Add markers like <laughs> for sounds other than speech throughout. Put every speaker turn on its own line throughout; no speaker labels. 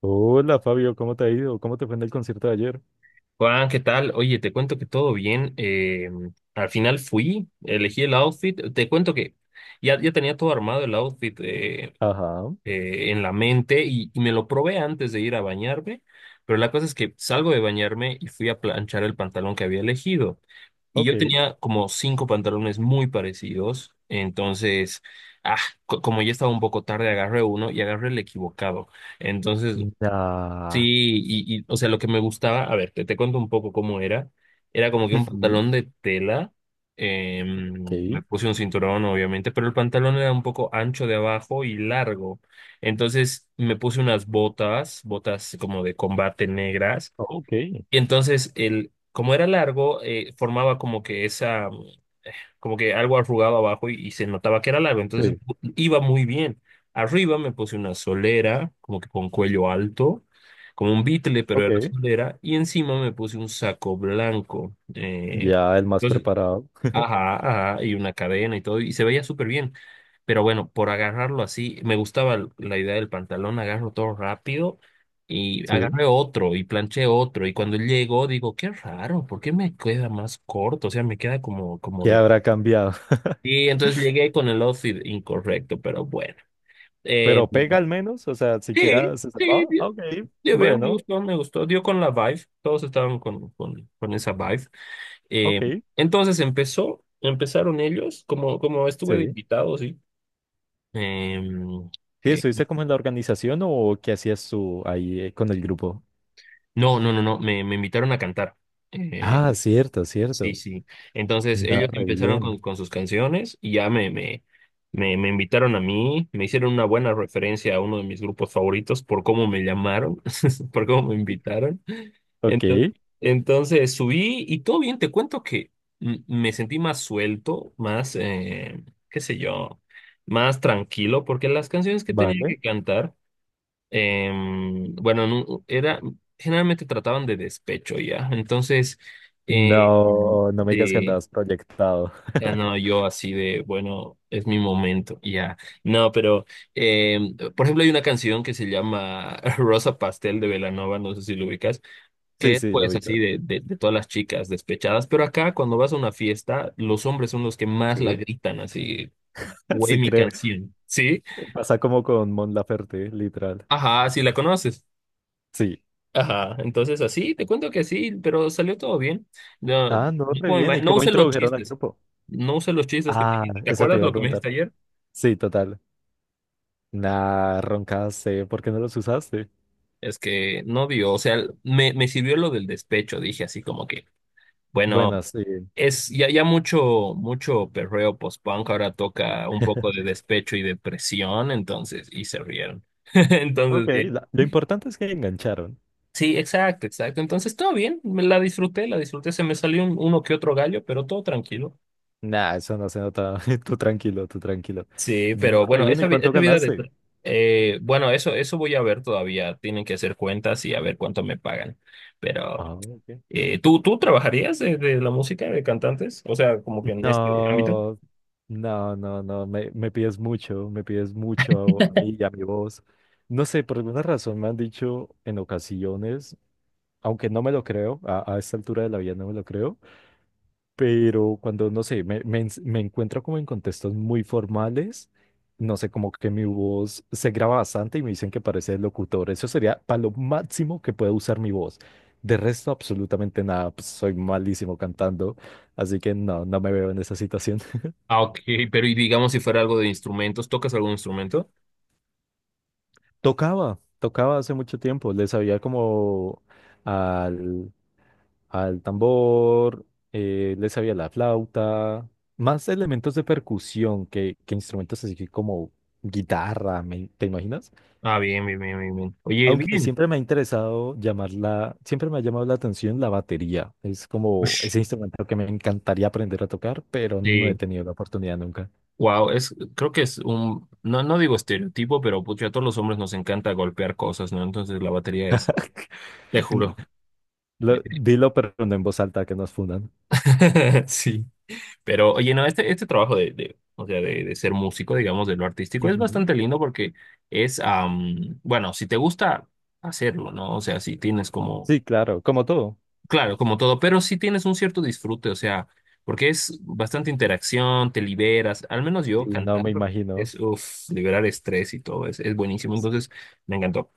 Hola Fabio, ¿cómo te ha ido? ¿Cómo te fue en el concierto de ayer?
Juan, ¿qué tal? Oye, te cuento que todo bien. Al final fui, elegí el outfit. Te cuento que ya, ya tenía todo armado el outfit
Ajá,
en la mente y me lo probé antes de ir a bañarme. Pero la cosa es que salgo de bañarme y fui a planchar el pantalón que había elegido. Y yo
ok.
tenía como cinco pantalones muy parecidos. Entonces, ah, como ya estaba un poco tarde, agarré uno y agarré el equivocado. Entonces,
Ya,
sí, o sea, lo que me gustaba, a ver, te cuento un poco cómo era. Era como que un
ujú,
pantalón de tela,
ok,
me puse un cinturón, obviamente, pero el pantalón era un poco ancho de abajo y largo. Entonces me puse unas botas como de combate negras.
ok.
Y entonces, como era largo, formaba como que esa, como que algo arrugado abajo y se notaba que era largo, entonces
Sí,
iba muy bien. Arriba me puse una solera, como que con cuello alto, como un bitle, pero era
ok.
solera, y encima me puse un saco blanco.
Ya el más
Entonces,
preparado.
ajá, ajá, y una cadena y todo, y se veía súper bien. Pero bueno, por agarrarlo así, me gustaba la idea del pantalón, agarro todo rápido y
Sí.
agarré otro y planché otro. Y cuando llegó, digo, qué raro, ¿por qué me queda más corto? O sea, me queda como, como
¿Qué
de
habrá cambiado? <laughs>
Y entonces llegué con el outfit incorrecto, pero bueno. Eh,
Pero pega al menos, o sea,
sí,
siquiera se
sí,
salvaba.
dio,
Ah, ok,
dio bien, me
bueno,
gustó, me gustó. Dio con la vibe, todos estaban con, con esa vibe. Eh,
ok.
entonces empezaron ellos, como estuve de
Sí.
invitado, sí. Eh,
Sí,
eh,
¿estuviste como en la organización o qué hacías tú ahí con el grupo?
no, no, no, no, me invitaron a cantar.
Ah,
Eh,
cierto,
Sí,
cierto.
sí. Entonces
No,
ellos
re
empezaron con,
bien.
con sus canciones y ya me invitaron a mí, me hicieron una buena referencia a uno de mis grupos favoritos por cómo me llamaron, <laughs> por cómo me invitaron.
Ok,
Entonces, entonces subí y todo bien, te cuento que me sentí más suelto, más, qué sé yo, más tranquilo, porque las canciones que tenía
vale.
que cantar bueno, generalmente trataban de despecho ya. Entonces, eh,
No, no me digas que
eh,
andabas proyectado.
ya
<laughs>
no, yo así de, bueno, es mi momento, ya. No, pero, por ejemplo, hay una canción que se llama <laughs> Rosa Pastel de Belanova, no sé si lo ubicas,
Sí,
que es
sí, la
pues así
mitad.
de todas las chicas despechadas, pero acá cuando vas a una fiesta, los hombres son los que más la
Sí,
gritan, así,
<laughs>
güey,
sí
mi
creo.
canción, ¿sí?
Pasa como con Mon Laferte, literal.
Ajá, si la conoces.
Sí.
Ajá, entonces así, te cuento que sí, pero salió todo bien. No, no
Ah, no, re bien. ¿Y
no
cómo
usé los
introdujeron al
chistes,
grupo?
no usé los chistes que me
Ah,
dijiste. ¿Te
eso te
acuerdas
iba a
lo que me
preguntar.
dijiste ayer?
Sí, total. Nah, roncaste. ¿Por qué no los usaste?
Es que no dio, o sea, me sirvió lo del despecho, dije así como que, bueno,
Bueno, sí.
es ya, ya mucho, mucho perreo post-punk, ahora toca un poco de despecho y depresión, entonces, y se rieron. <laughs>
Ok,
Entonces, bien.
lo importante es que engancharon.
Sí, exacto, exacto. Entonces, todo bien, me la disfruté, se me salió uno que otro gallo, pero todo tranquilo.
Nah, eso no se nota. <laughs> Tú tranquilo, tú tranquilo.
Sí,
No,
pero
re
bueno,
bien. ¿Y cuánto
esa vida de...
ganaste?
tra- Bueno eso voy a ver todavía. Tienen que hacer cuentas y a ver cuánto me pagan. Pero,
Ah, ok.
¿tú trabajarías de la música de cantantes? O sea, como que en este ámbito.
No, no, no, no, me pides mucho, me pides mucho a mí y a mi voz. No sé, por alguna razón me han dicho en ocasiones, aunque no me lo creo, a esta altura de la vida no me lo creo, pero cuando, no sé, me encuentro como en contextos muy formales, no sé, como que mi voz se graba bastante y me dicen que parece locutor. Eso sería para lo máximo que puedo usar mi voz. De resto, absolutamente nada, pues soy malísimo cantando. Así que no, no me veo en esa situación.
Ah, ok, pero y digamos si fuera algo de instrumentos, ¿tocas algún instrumento?
Tocaba, tocaba hace mucho tiempo, le sabía como al, al tambor, le sabía la flauta, más elementos de percusión que instrumentos así que como guitarra, ¿te imaginas?
Ah, bien, bien, bien, bien, bien. Oye,
Aunque
bien.
siempre me ha interesado llamarla, siempre me ha llamado la atención la batería, es como
Ush,
ese instrumento que me encantaría aprender a tocar, pero no he
sí.
tenido la oportunidad nunca.
Wow, creo que es no, no digo estereotipo, pero pucha, a todos los hombres nos encanta golpear cosas, ¿no? Entonces la batería es,
<laughs>
te juro.
Dilo, pero no en voz alta que nos fundan.
<laughs> Sí. Pero, oye, no, este trabajo o sea, de ser músico, digamos, de lo artístico, es
Ujú.
bastante lindo porque es, bueno, si te gusta hacerlo, ¿no? O sea, si tienes como,
Sí, claro, como todo.
claro, como todo, pero si tienes un cierto disfrute, o sea, porque es bastante interacción, te liberas, al menos
Sí,
yo
no
cantar
me imagino.
es, uff, liberar estrés y todo, es buenísimo, entonces me encantó.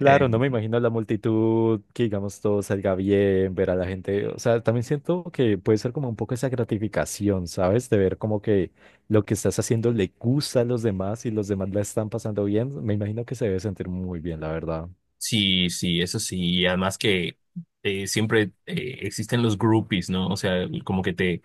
Eh,
no me imagino la multitud, que digamos todo salga bien, ver a la gente. O sea, también siento que puede ser como un poco esa gratificación, ¿sabes? De ver como que lo que estás haciendo le gusta a los demás y los demás la están pasando bien. Me imagino que se debe sentir muy bien, la verdad.
sí, sí, eso sí, y además que siempre existen los groupies, ¿no? O sea, como que te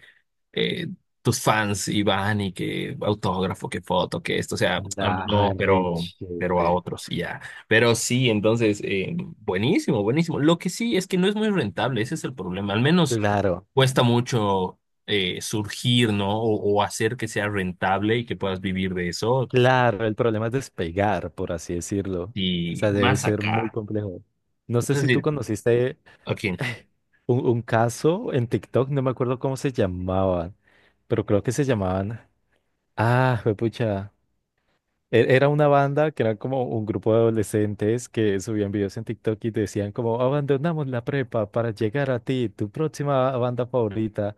eh, tus fans y van y que autógrafo, que foto, que esto, o sea, a mí
Ah,
no,
re
pero a
chévere.
otros y ya. Pero sí, entonces, buenísimo, buenísimo. Lo que sí es que no es muy rentable, ese es el problema. Al menos
Claro,
cuesta mucho surgir, ¿no? O hacer que sea rentable y que puedas vivir de eso.
claro, el problema es despegar, por así decirlo. O
Y
sea, debe
más
ser muy
acá.
complejo. No sé si tú
Entonces,
conociste
aquí.
un caso en TikTok, no me acuerdo cómo se llamaban, pero creo que se llamaban. Ah, pucha. Era una banda que era como un grupo de adolescentes que subían videos en TikTok y decían como abandonamos la prepa para llegar a ti, tu próxima banda favorita.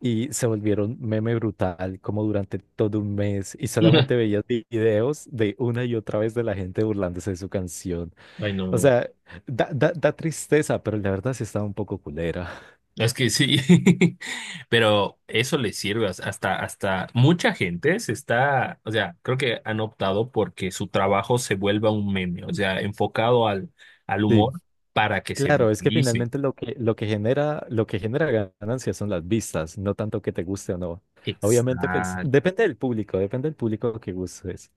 Y se volvieron meme brutal como durante todo un mes y solamente
<laughs>
veías videos de una y otra vez de la gente burlándose de su canción.
Ay,
O
no.
sea, da tristeza, pero la verdad sí estaba un poco culera.
Es que sí, <laughs> pero eso les sirve hasta mucha gente se está, o sea, creo que han optado porque su trabajo se vuelva un meme, o sea, enfocado al
Sí.
humor para que se
Claro, es que
viralice.
finalmente lo que genera, lo que genera ganancias son las vistas, no tanto que te guste o no. Obviamente, pues,
Exacto.
depende del público que gustes.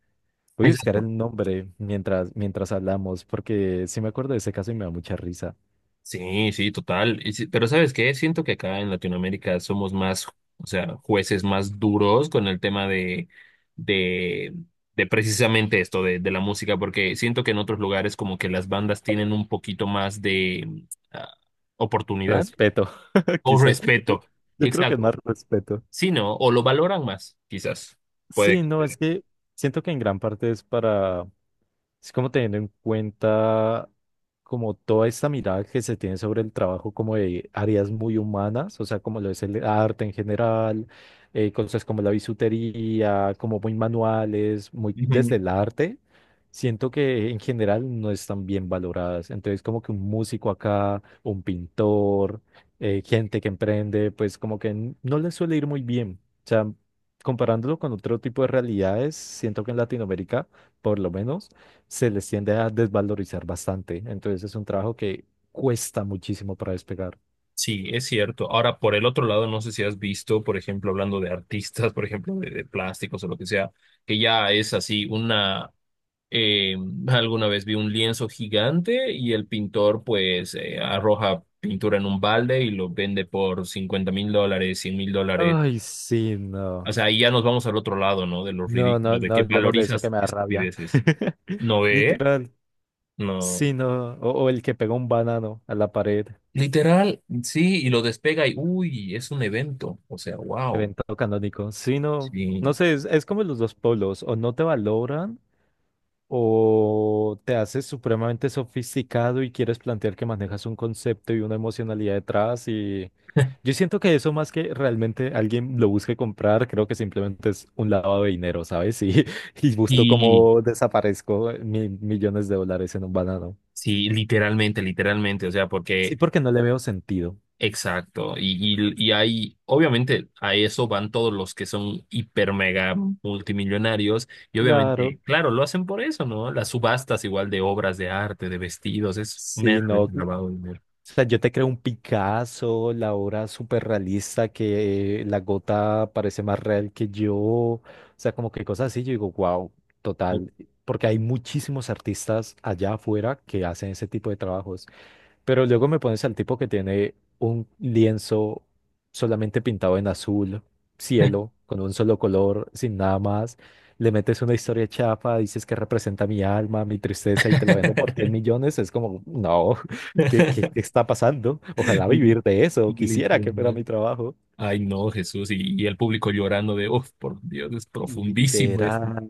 Voy a buscar
Exacto.
el nombre mientras hablamos, porque sí me acuerdo de ese caso y me da mucha risa.
Sí, sí, total. Pero ¿sabes qué? Siento que acá en Latinoamérica somos más, o sea, jueces más duros con el tema de, de, de, precisamente esto, de la música, porque siento que en otros lugares como que las bandas tienen un poquito más de ah, oportunidad
Respeto, <laughs>
o
quizás.
respeto.
Yo creo que es
Exacto.
más respeto.
Sí, ¿no? O lo valoran más, quizás. Puede
Sí,
que
no, es que siento que en gran parte es para, es como teniendo en cuenta como toda esta mirada que se tiene sobre el trabajo como de áreas muy humanas, o sea, como lo es el arte en general, cosas como la bisutería, como muy manuales, muy desde
sea.
el arte, siento que en general no están bien valoradas. Entonces, como que un músico acá, un pintor, gente que emprende, pues como que no les suele ir muy bien. O sea, comparándolo con otro tipo de realidades, siento que en Latinoamérica por lo menos se les tiende a desvalorizar bastante. Entonces es un trabajo que cuesta muchísimo para despegar.
Sí, es cierto. Ahora, por el otro lado, no sé si has visto, por ejemplo, hablando de artistas, <laughs> por ejemplo, de plásticos o lo que sea, que ya es así eh, alguna vez vi un lienzo gigante y el pintor pues arroja pintura en un balde y lo vende por $50,000, $100,000.
Ay, sí,
O
no.
sea, ahí ya nos vamos al otro lado, ¿no? De lo
No,
ridículo,
no,
de
no
que
hablemos de eso que
valorizas
me da rabia.
estupideces.
<laughs>
¿No ve?
Literal.
No.
Sí, no. O el que pega un banano a la pared,
Literal, sí, y lo despega y, uy, es un evento. O sea, wow.
evento canónico. Sí, no. No
Sí.
sé, es como los dos polos. O no te valoran o te haces supremamente sofisticado y quieres plantear que manejas un concepto y una emocionalidad detrás y yo siento que eso más que realmente alguien lo busque comprar, creo que simplemente es un lavado de dinero, ¿sabes? Y, <laughs> y busco
Y
cómo desaparezco millones de dólares en un banano.
sí, literalmente, literalmente, o sea,
Sí,
porque,
porque no le veo sentido.
exacto, y hay, obviamente, a eso van todos los que son hiper mega multimillonarios, y obviamente,
Claro.
claro, lo hacen por eso, ¿no? Las subastas igual de obras de arte, de vestidos, es
Sí, no.
meramente
O
lavado de dinero.
sea, yo te creo un Picasso, la obra súper realista, que la gota parece más real que yo. O sea, como que cosas así, yo digo, wow,
Oh.
total. Porque hay muchísimos artistas allá afuera que hacen ese tipo de trabajos. Pero luego me pones al tipo que tiene un lienzo solamente pintado en azul, cielo, con un solo color, sin nada más. Le metes una historia chafa, dices que representa mi alma, mi tristeza y te la vendo por 10
<laughs>
millones. Es como, no, <laughs> ¿qué está pasando? Ojalá
Li-
vivir de eso. Quisiera que fuera
Literal.
mi trabajo.
Ay, no, Jesús, y el público llorando de, uff, por Dios, es profundísimo esto.
Literal.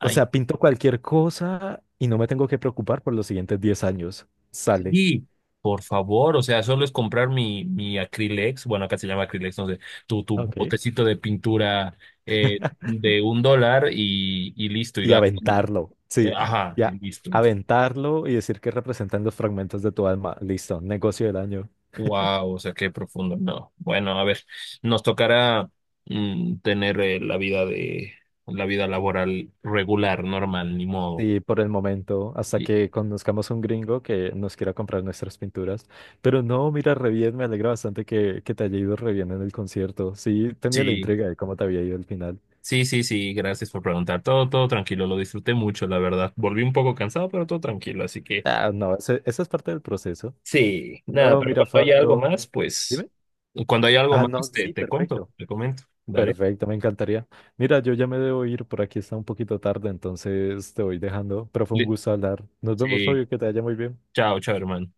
O
Ay,
sea, pinto cualquier cosa y no me tengo que preocupar por los siguientes 10 años. Sale.
sí, por favor, o sea, solo es comprar mi Acrylex, bueno, acá se llama Acrylex, no sé, tu
Ok.
botecito de pintura de $1 y listo, y
Y
gano.
aventarlo, sí,
Ajá, y
ya,
listo.
aventarlo y decir que representan los fragmentos de tu alma. Listo, negocio del año.
Wow, o sea, qué profundo. No, bueno, a ver, nos tocará tener la vida laboral regular, normal, ni modo.
Y por el momento, hasta
Y-
que conozcamos un gringo que nos quiera comprar nuestras pinturas. Pero no, mira, re bien, me alegra bastante que te haya ido re bien en el concierto. Sí, tenía la
Sí,
intriga de cómo te había ido al final.
sí, sí, sí, gracias por preguntar. Todo, todo tranquilo, lo disfruté mucho, la verdad. Volví un poco cansado, pero todo tranquilo, así que.
Ah, no, esa es parte del proceso.
Sí, nada,
No,
pero
mira,
cuando haya algo
Fabio,
más, pues,
dime.
cuando haya algo
Ah,
más,
no,
te,
sí,
te cuento,
perfecto.
te comento, ¿vale?
Perfecto, me encantaría. Mira, yo ya me debo ir, por aquí está un poquito tarde, entonces te voy dejando, pero fue un
Li-
gusto hablar. Nos vemos,
Sí,
Fabio, que te vaya muy bien.
chao, chao, hermano.